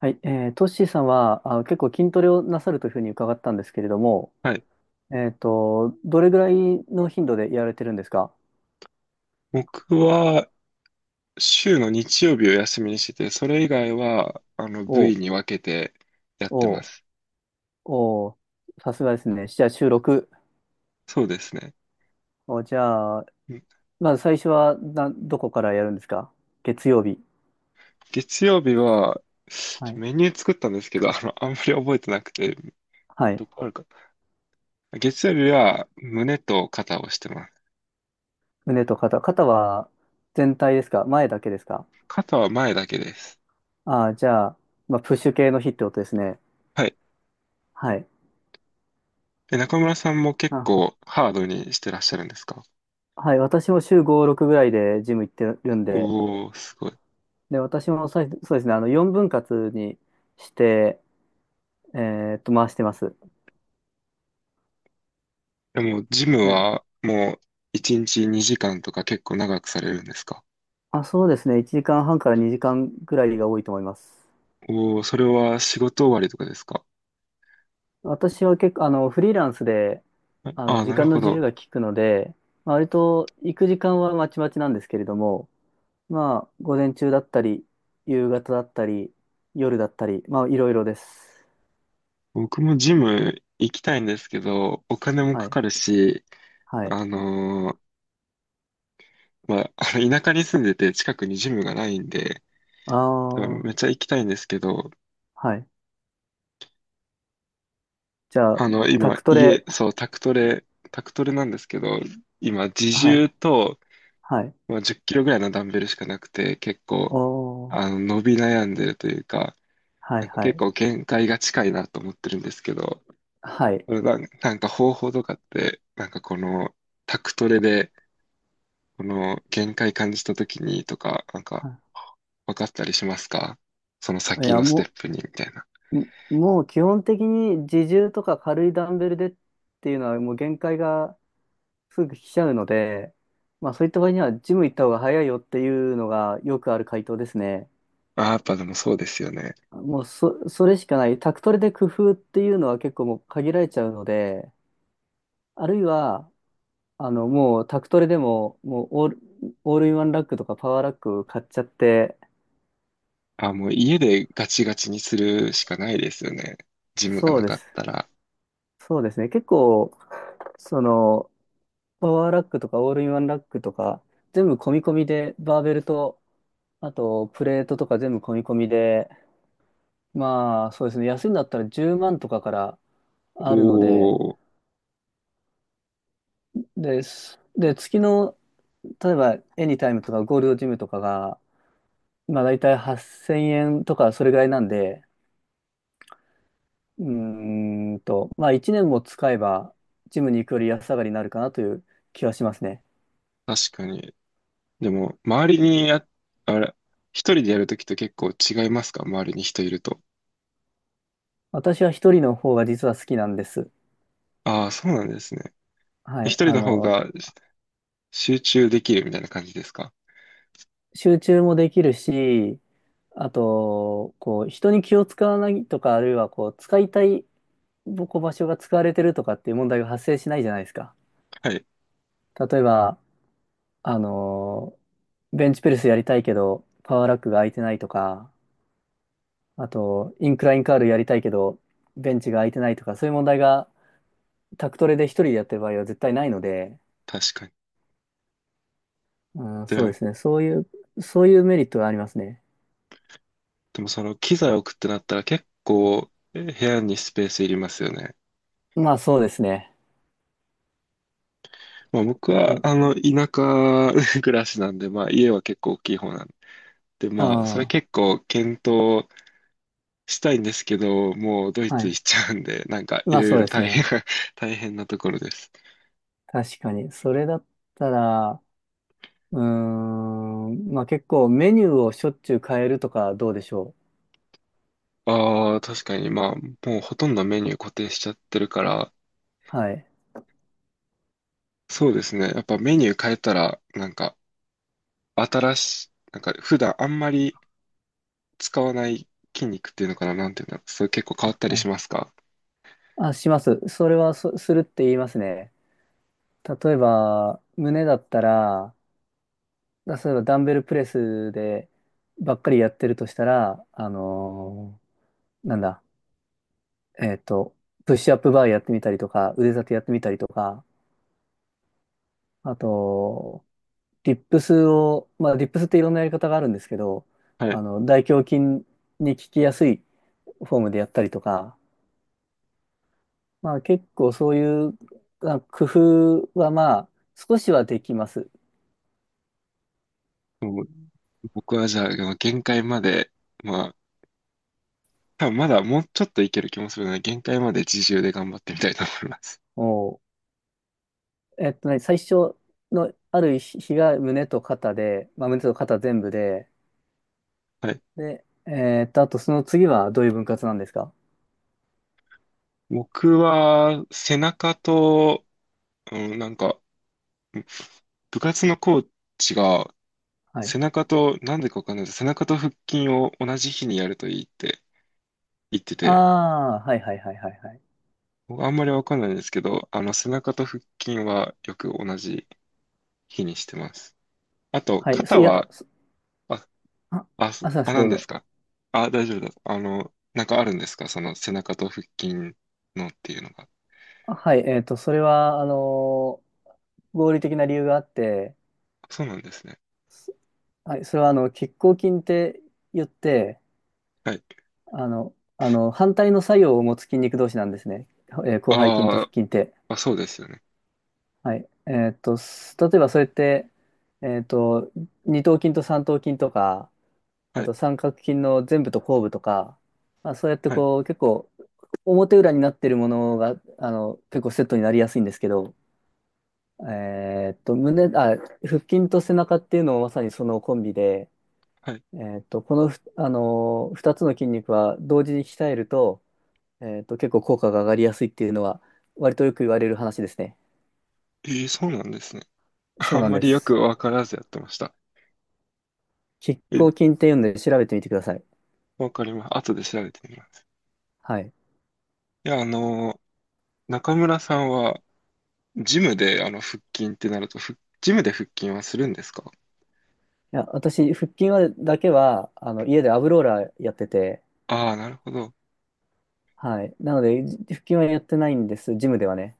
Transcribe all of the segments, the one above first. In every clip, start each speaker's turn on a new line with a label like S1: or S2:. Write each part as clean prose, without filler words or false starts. S1: はい、トッシーさんは、あ、結構筋トレをなさるというふうに伺ったんですけれども、
S2: はい。
S1: どれぐらいの頻度でやられてるんですか？
S2: 僕は週の日曜日を休みにしてて、それ以外は、
S1: お
S2: 部位
S1: う。
S2: に分けてやって
S1: お
S2: ま
S1: う。
S2: す。
S1: おう。さすがですね。じゃあ収録。
S2: そうですね。
S1: お、じゃあ、
S2: うん、
S1: まず最初はな、どこからやるんですか？月曜日。
S2: 月曜日は、
S1: はい。
S2: メニュー作ったんですけど、あんまり覚えてなくて、
S1: はい。
S2: どこあるか。月曜日は胸と肩をしてます。
S1: 胸と肩。肩は全体ですか、前だけですか？
S2: 肩は前だけです。
S1: ああー、じゃあ、まあ、プッシュ系の日ってことですね。
S2: はい。
S1: はい。
S2: 中村さんも結
S1: あ、
S2: 構ハードにしてらっしゃるんですか？
S1: はい。私も週5、6ぐらいでジム行ってるんで、
S2: おー、すごい。
S1: で、私もそうですね、あの、4分割にして、え回してます。
S2: でも、ジム
S1: ね。
S2: はもう1日2時間とか結構長くされるんですか？
S1: あ、そうですね、1時間半から2時間くらいが多いと思います。
S2: おお、それは仕事終わりとかですか？
S1: 私は結構、あの、フリーランスで、
S2: あ
S1: あ
S2: あ
S1: の、
S2: ー、
S1: 時
S2: なる
S1: 間
S2: ほ
S1: の自由
S2: ど。
S1: が利くので、まあ割と行く時間はまちまちなんですけれども、まあ、午前中だったり、夕方だったり、夜だったり、まあ、いろいろです。
S2: 僕もジム行きたいんですけど、お金も
S1: は
S2: か
S1: い。
S2: かるし、
S1: はい。
S2: あのまあ、あの田舎に住んでて近くにジムがないんで、
S1: あ
S2: めっ
S1: あ、
S2: ちゃ行きたいんですけど、
S1: はい。じゃあ、タ
S2: 今、
S1: クト
S2: 家、
S1: レ、
S2: そう、宅トレ、タクトレなんですけど、今、自
S1: はい。
S2: 重と、
S1: はい。
S2: まあ、10キロぐらいのダンベルしかなくて、結
S1: お
S2: 構、
S1: ー。
S2: 伸び悩んでるというか、
S1: は
S2: な
S1: い
S2: んか
S1: は
S2: 結
S1: い。
S2: 構限界が近いなと思ってるんですけど、
S1: はい。
S2: なんか方法とかって、なんかこのタクトレで、この限界感じた時にとか、なんか
S1: は
S2: 分かったりしますか？その
S1: い。い
S2: 先
S1: や、
S2: のステ
S1: も
S2: ップにみたいな。
S1: う、んもう基本的に自重とか軽いダンベルでっていうのはもう限界がすぐ来ちゃうので、まあそういった場合にはジム行った方が早いよっていうのがよくある回答ですね。
S2: ああ、やっぱでもそうですよね。
S1: もうそ、それしかない。宅トレで工夫っていうのは結構もう限られちゃうので、あるいは、あの、もう宅トレでも、もうオール、オールインワンラックとかパワーラック買っちゃって、
S2: あーもう家でガチガチにするしかないですよね。ジムが
S1: そう
S2: な
S1: で
S2: かっ
S1: す。
S2: たら。
S1: そうですね。結構、その、パワーラックとかオールインワンラックとか、全部込み込みで、バーベルと、あとプレートとか全部込み込みで、まあそうですね、安いんだったら10万とかから
S2: お
S1: あるので、
S2: お、
S1: です。で、月の、例えばエニタイムとかゴールドジムとかが、まあ大体8000円とかそれぐらいなんで、うーんと、まあ1年も使えば、ジムに行くより安上がりになるかなという気はしますね。
S2: 確かに。でも、周りにや、あれ、一人でやるときと結構違いますか？周りに人いると。
S1: 私は一人の方が実は好きなんです。
S2: ああ、そうなんですね。
S1: は
S2: 一
S1: い。
S2: 人
S1: あ
S2: の方
S1: の、
S2: が集中できるみたいな感じですか？
S1: 集中もできるし、あと、こう、人に気を使わないとか、あるいはこう、使いたいぼこう場所が使われてるとかっていう問題が発生しないじゃないですか。
S2: はい。
S1: 例えば、あのベンチプレスやりたいけど、パワーラックが空いてないとか、あと、インクラインカールやりたいけど、ベンチが空いてないとか、そういう問題が、タクトレで一人でやってる場合は絶対ないので、
S2: 確かに。
S1: うん、そうで
S2: で、
S1: すね。そういうメリットがありますね。
S2: でもその機材置くってなったら結構部屋にスペースいりますよね。
S1: まあそうですね。
S2: まあ僕は
S1: え
S2: あの田舎 暮らしなんで、まあ家は結構大きい方なんで、
S1: あ
S2: まあそれ
S1: あ、
S2: 結構検討したいんですけど、もうドイ
S1: は
S2: ツ行
S1: い。
S2: っちゃうんで、なんかい
S1: まあ
S2: ろい
S1: そう
S2: ろ
S1: です
S2: 大変
S1: ね。
S2: 大変なところです。
S1: 確かに。それだったら、うーん、まあ結構メニューをしょっちゅう変えるとかどうでしょ
S2: ああ、確かにまあもうほとんどメニュー固定しちゃってるから、
S1: う。はい。
S2: そうですね。やっぱメニュー変えたらなんか新しい、なんか普段あんまり使わない筋肉っていうのかな、なんていうのそれ結構変わ
S1: は
S2: ったりし
S1: い。
S2: ますか？
S1: あ、します。それはするって言いますね。例えば、胸だったら、例えばダンベルプレスでばっかりやってるとしたら、あのーなんだ、えっと、プッシュアップバーやってみたりとか、腕立てやってみたりとか、あと、リップスを、まあ、リップスっていろんなやり方があるんですけど、
S2: は
S1: あ
S2: い。
S1: の、大胸筋に効きやすいフォームでやったりとか、まあ、結構そういう工夫は、まあ、少しはできます。
S2: もう僕はじゃあ、限界まで、まあ、多分まだもうちょっといける気もするので、限界まで自重で頑張ってみたいと思います。
S1: もう、えっとね、最初のある日が胸と肩で、まあ、胸と肩全部で、
S2: はい。
S1: で、えっと、あとその次はどういう分割なんですか？
S2: 僕は、背中と、うん、なんか、部活のコーチが、
S1: は
S2: 背
S1: い。
S2: 中と、なんでかわかんないです。背中と腹筋を同じ日にやるといいって言ってて、
S1: ああ、はいはいはいはいはい。
S2: 僕あんまりわかんないんですけど、背中と腹筋はよく同じ日にしてます。あと、
S1: はい、そ
S2: 肩
S1: いや、
S2: は、
S1: そ
S2: あ、
S1: あ、あ、すいません、ど
S2: 何
S1: う
S2: です
S1: ぞ。
S2: か？あ、大丈夫です。なんかあるんですか？その背中と腹筋のっていうのが。
S1: あ、はい、えっと、それは、あのー合理的な理由があって、
S2: そうなんですね。
S1: そはい、それはあの、拮抗筋って言って、
S2: はい。
S1: あの、反対の作用を持つ筋肉同士なんですね。えー、広背筋と
S2: あ
S1: 腹
S2: ー
S1: 筋って。
S2: あ、そうですよね。
S1: はい。例えばそれって、えーっと、二頭筋と三頭筋とか、
S2: は
S1: あ
S2: い、
S1: と三角筋の前部と後部とか、まあ、そうやって
S2: はい、
S1: こう、結構、表裏になってるものが、あの、結構セットになりやすいんですけど、えーっと、胸、あ、腹筋と背中っていうのもまさにそのコンビで、
S2: はい。
S1: えーっと、この2つの筋肉は同時に鍛えると、えーっと、結構効果が上がりやすいっていうのは、割とよく言われる話ですね。
S2: そうなんですね。
S1: そう
S2: あ
S1: な
S2: ん
S1: ん
S2: ま
S1: で
S2: りよく
S1: す。
S2: わからずやってました。
S1: 拮
S2: え、
S1: 抗筋っていうんで調べてみてください。
S2: わかります。後で調べてみます。
S1: はい。い
S2: いや、中村さんは、ジムであの腹筋ってなると、ジムで腹筋はするんですか？
S1: や、私、腹筋だけは、あの、家でアブローラーやってて、
S2: ああー、なるほど。
S1: はい。なので、腹筋はやってないんです、ジムではね。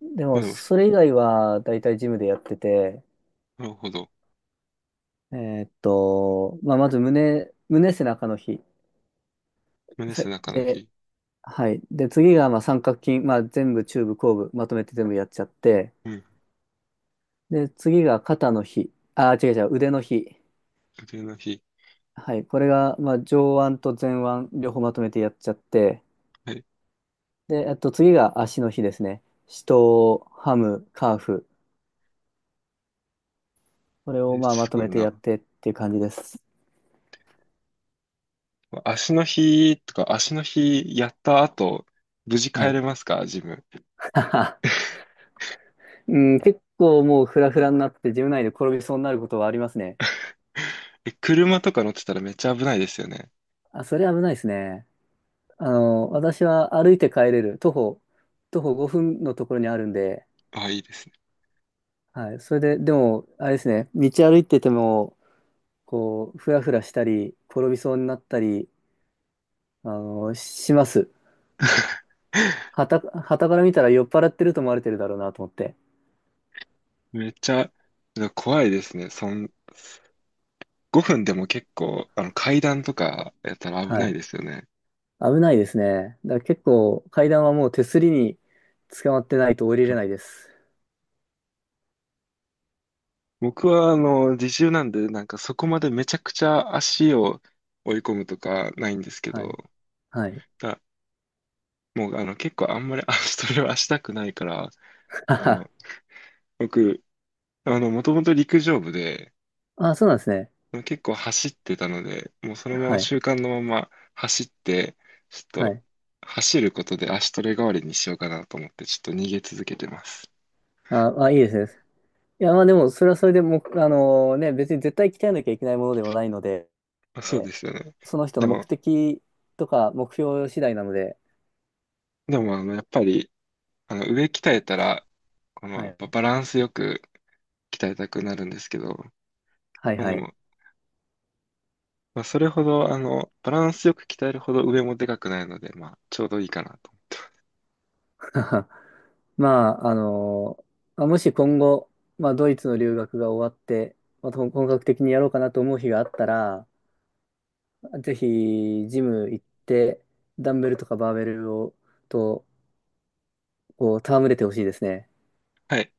S1: で
S2: まあ
S1: も、
S2: でも、
S1: それ以外は、だいたいジムでやってて、
S2: なるほど。
S1: えーっと、まあ、まず胸背中の日。
S2: 胸
S1: さ
S2: 背中の
S1: で、
S2: 日。
S1: はい。で、次がまあ三角筋、まあ、全部中部、後部、まとめて全部やっちゃって、
S2: うん。
S1: で、次が肩の日、あ、違う違う、腕の日。
S2: 腕の日。
S1: はい。これがまあ上腕と前腕、両方まとめてやっちゃって、
S2: はい。
S1: で、あと次が足の日ですね。四頭、ハム、カーフ。これをまあま
S2: す
S1: と
S2: ご
S1: め
S2: い
S1: て
S2: な。
S1: やってっていう感じです。
S2: 足の日とか、足の日やった後、無事
S1: は
S2: 帰れ
S1: い。
S2: ますか？ジム。
S1: うん、結構もうフラフラになって、自分内で転びそうになることはありますね。
S2: え、車とか乗ってたらめっちゃ危ないですよね。
S1: あ、それ危ないですね。あの、私は歩いて帰れる。徒歩5分のところにあるんで、
S2: ああ、いいですね。
S1: はい。それで、でも、あれですね、道歩いてても、こう、ふらふらしたり、転びそうになったり、あの、します。はたから見たら酔っ払ってると思われてるだろうなと思って。
S2: めっちゃ、怖いですね。5分でも結構、階段とかやったら危
S1: は
S2: ない
S1: い。
S2: ですよね。
S1: 危ないですね。だから結構、階段はもう手すりに捕まってないと降りれないです。
S2: 僕は、自重なんで、なんかそこまでめちゃくちゃ足を追い込むとかないんですけ
S1: はい。
S2: ど、
S1: はい。
S2: だ、もう、結構あんまり あ、それはしたくないから、
S1: あ
S2: あ
S1: は
S2: の、僕、もともと陸上部で、
S1: は、あ、そうなんですね。
S2: 結構走ってたので、もうそのまま
S1: はい。
S2: 習慣のまま走って、ちょっ
S1: は
S2: と、
S1: い。
S2: 走ることで足トレ代わりにしようかなと思って、ちょっと逃げ続けてます。
S1: あ、あ、いいですね。いや、まあでも、それはそれでもう、あのね、別に絶対鍛えなきゃいけないものではないので、
S2: あ、そうですよね。
S1: その人
S2: で
S1: の目
S2: も、
S1: 的とか目標次第なので、
S2: でも、やっぱり、上鍛えたら、この、
S1: は
S2: やっぱ
S1: い。
S2: バランスよく、鍛えたくなるんですけど、
S1: はい
S2: まあで
S1: はい。
S2: も、まあそれほど、バランスよく鍛えるほど上もでかくないので、まあちょうどいいかなと。
S1: まあ、あの。まあもし今後、まあドイツの留学が終わって、また本格的にやろうかなと思う日があったら、ぜひ、ジム行って、ダンベルとかバーベルを、と、こう、戯れてほしいですね。
S2: はい。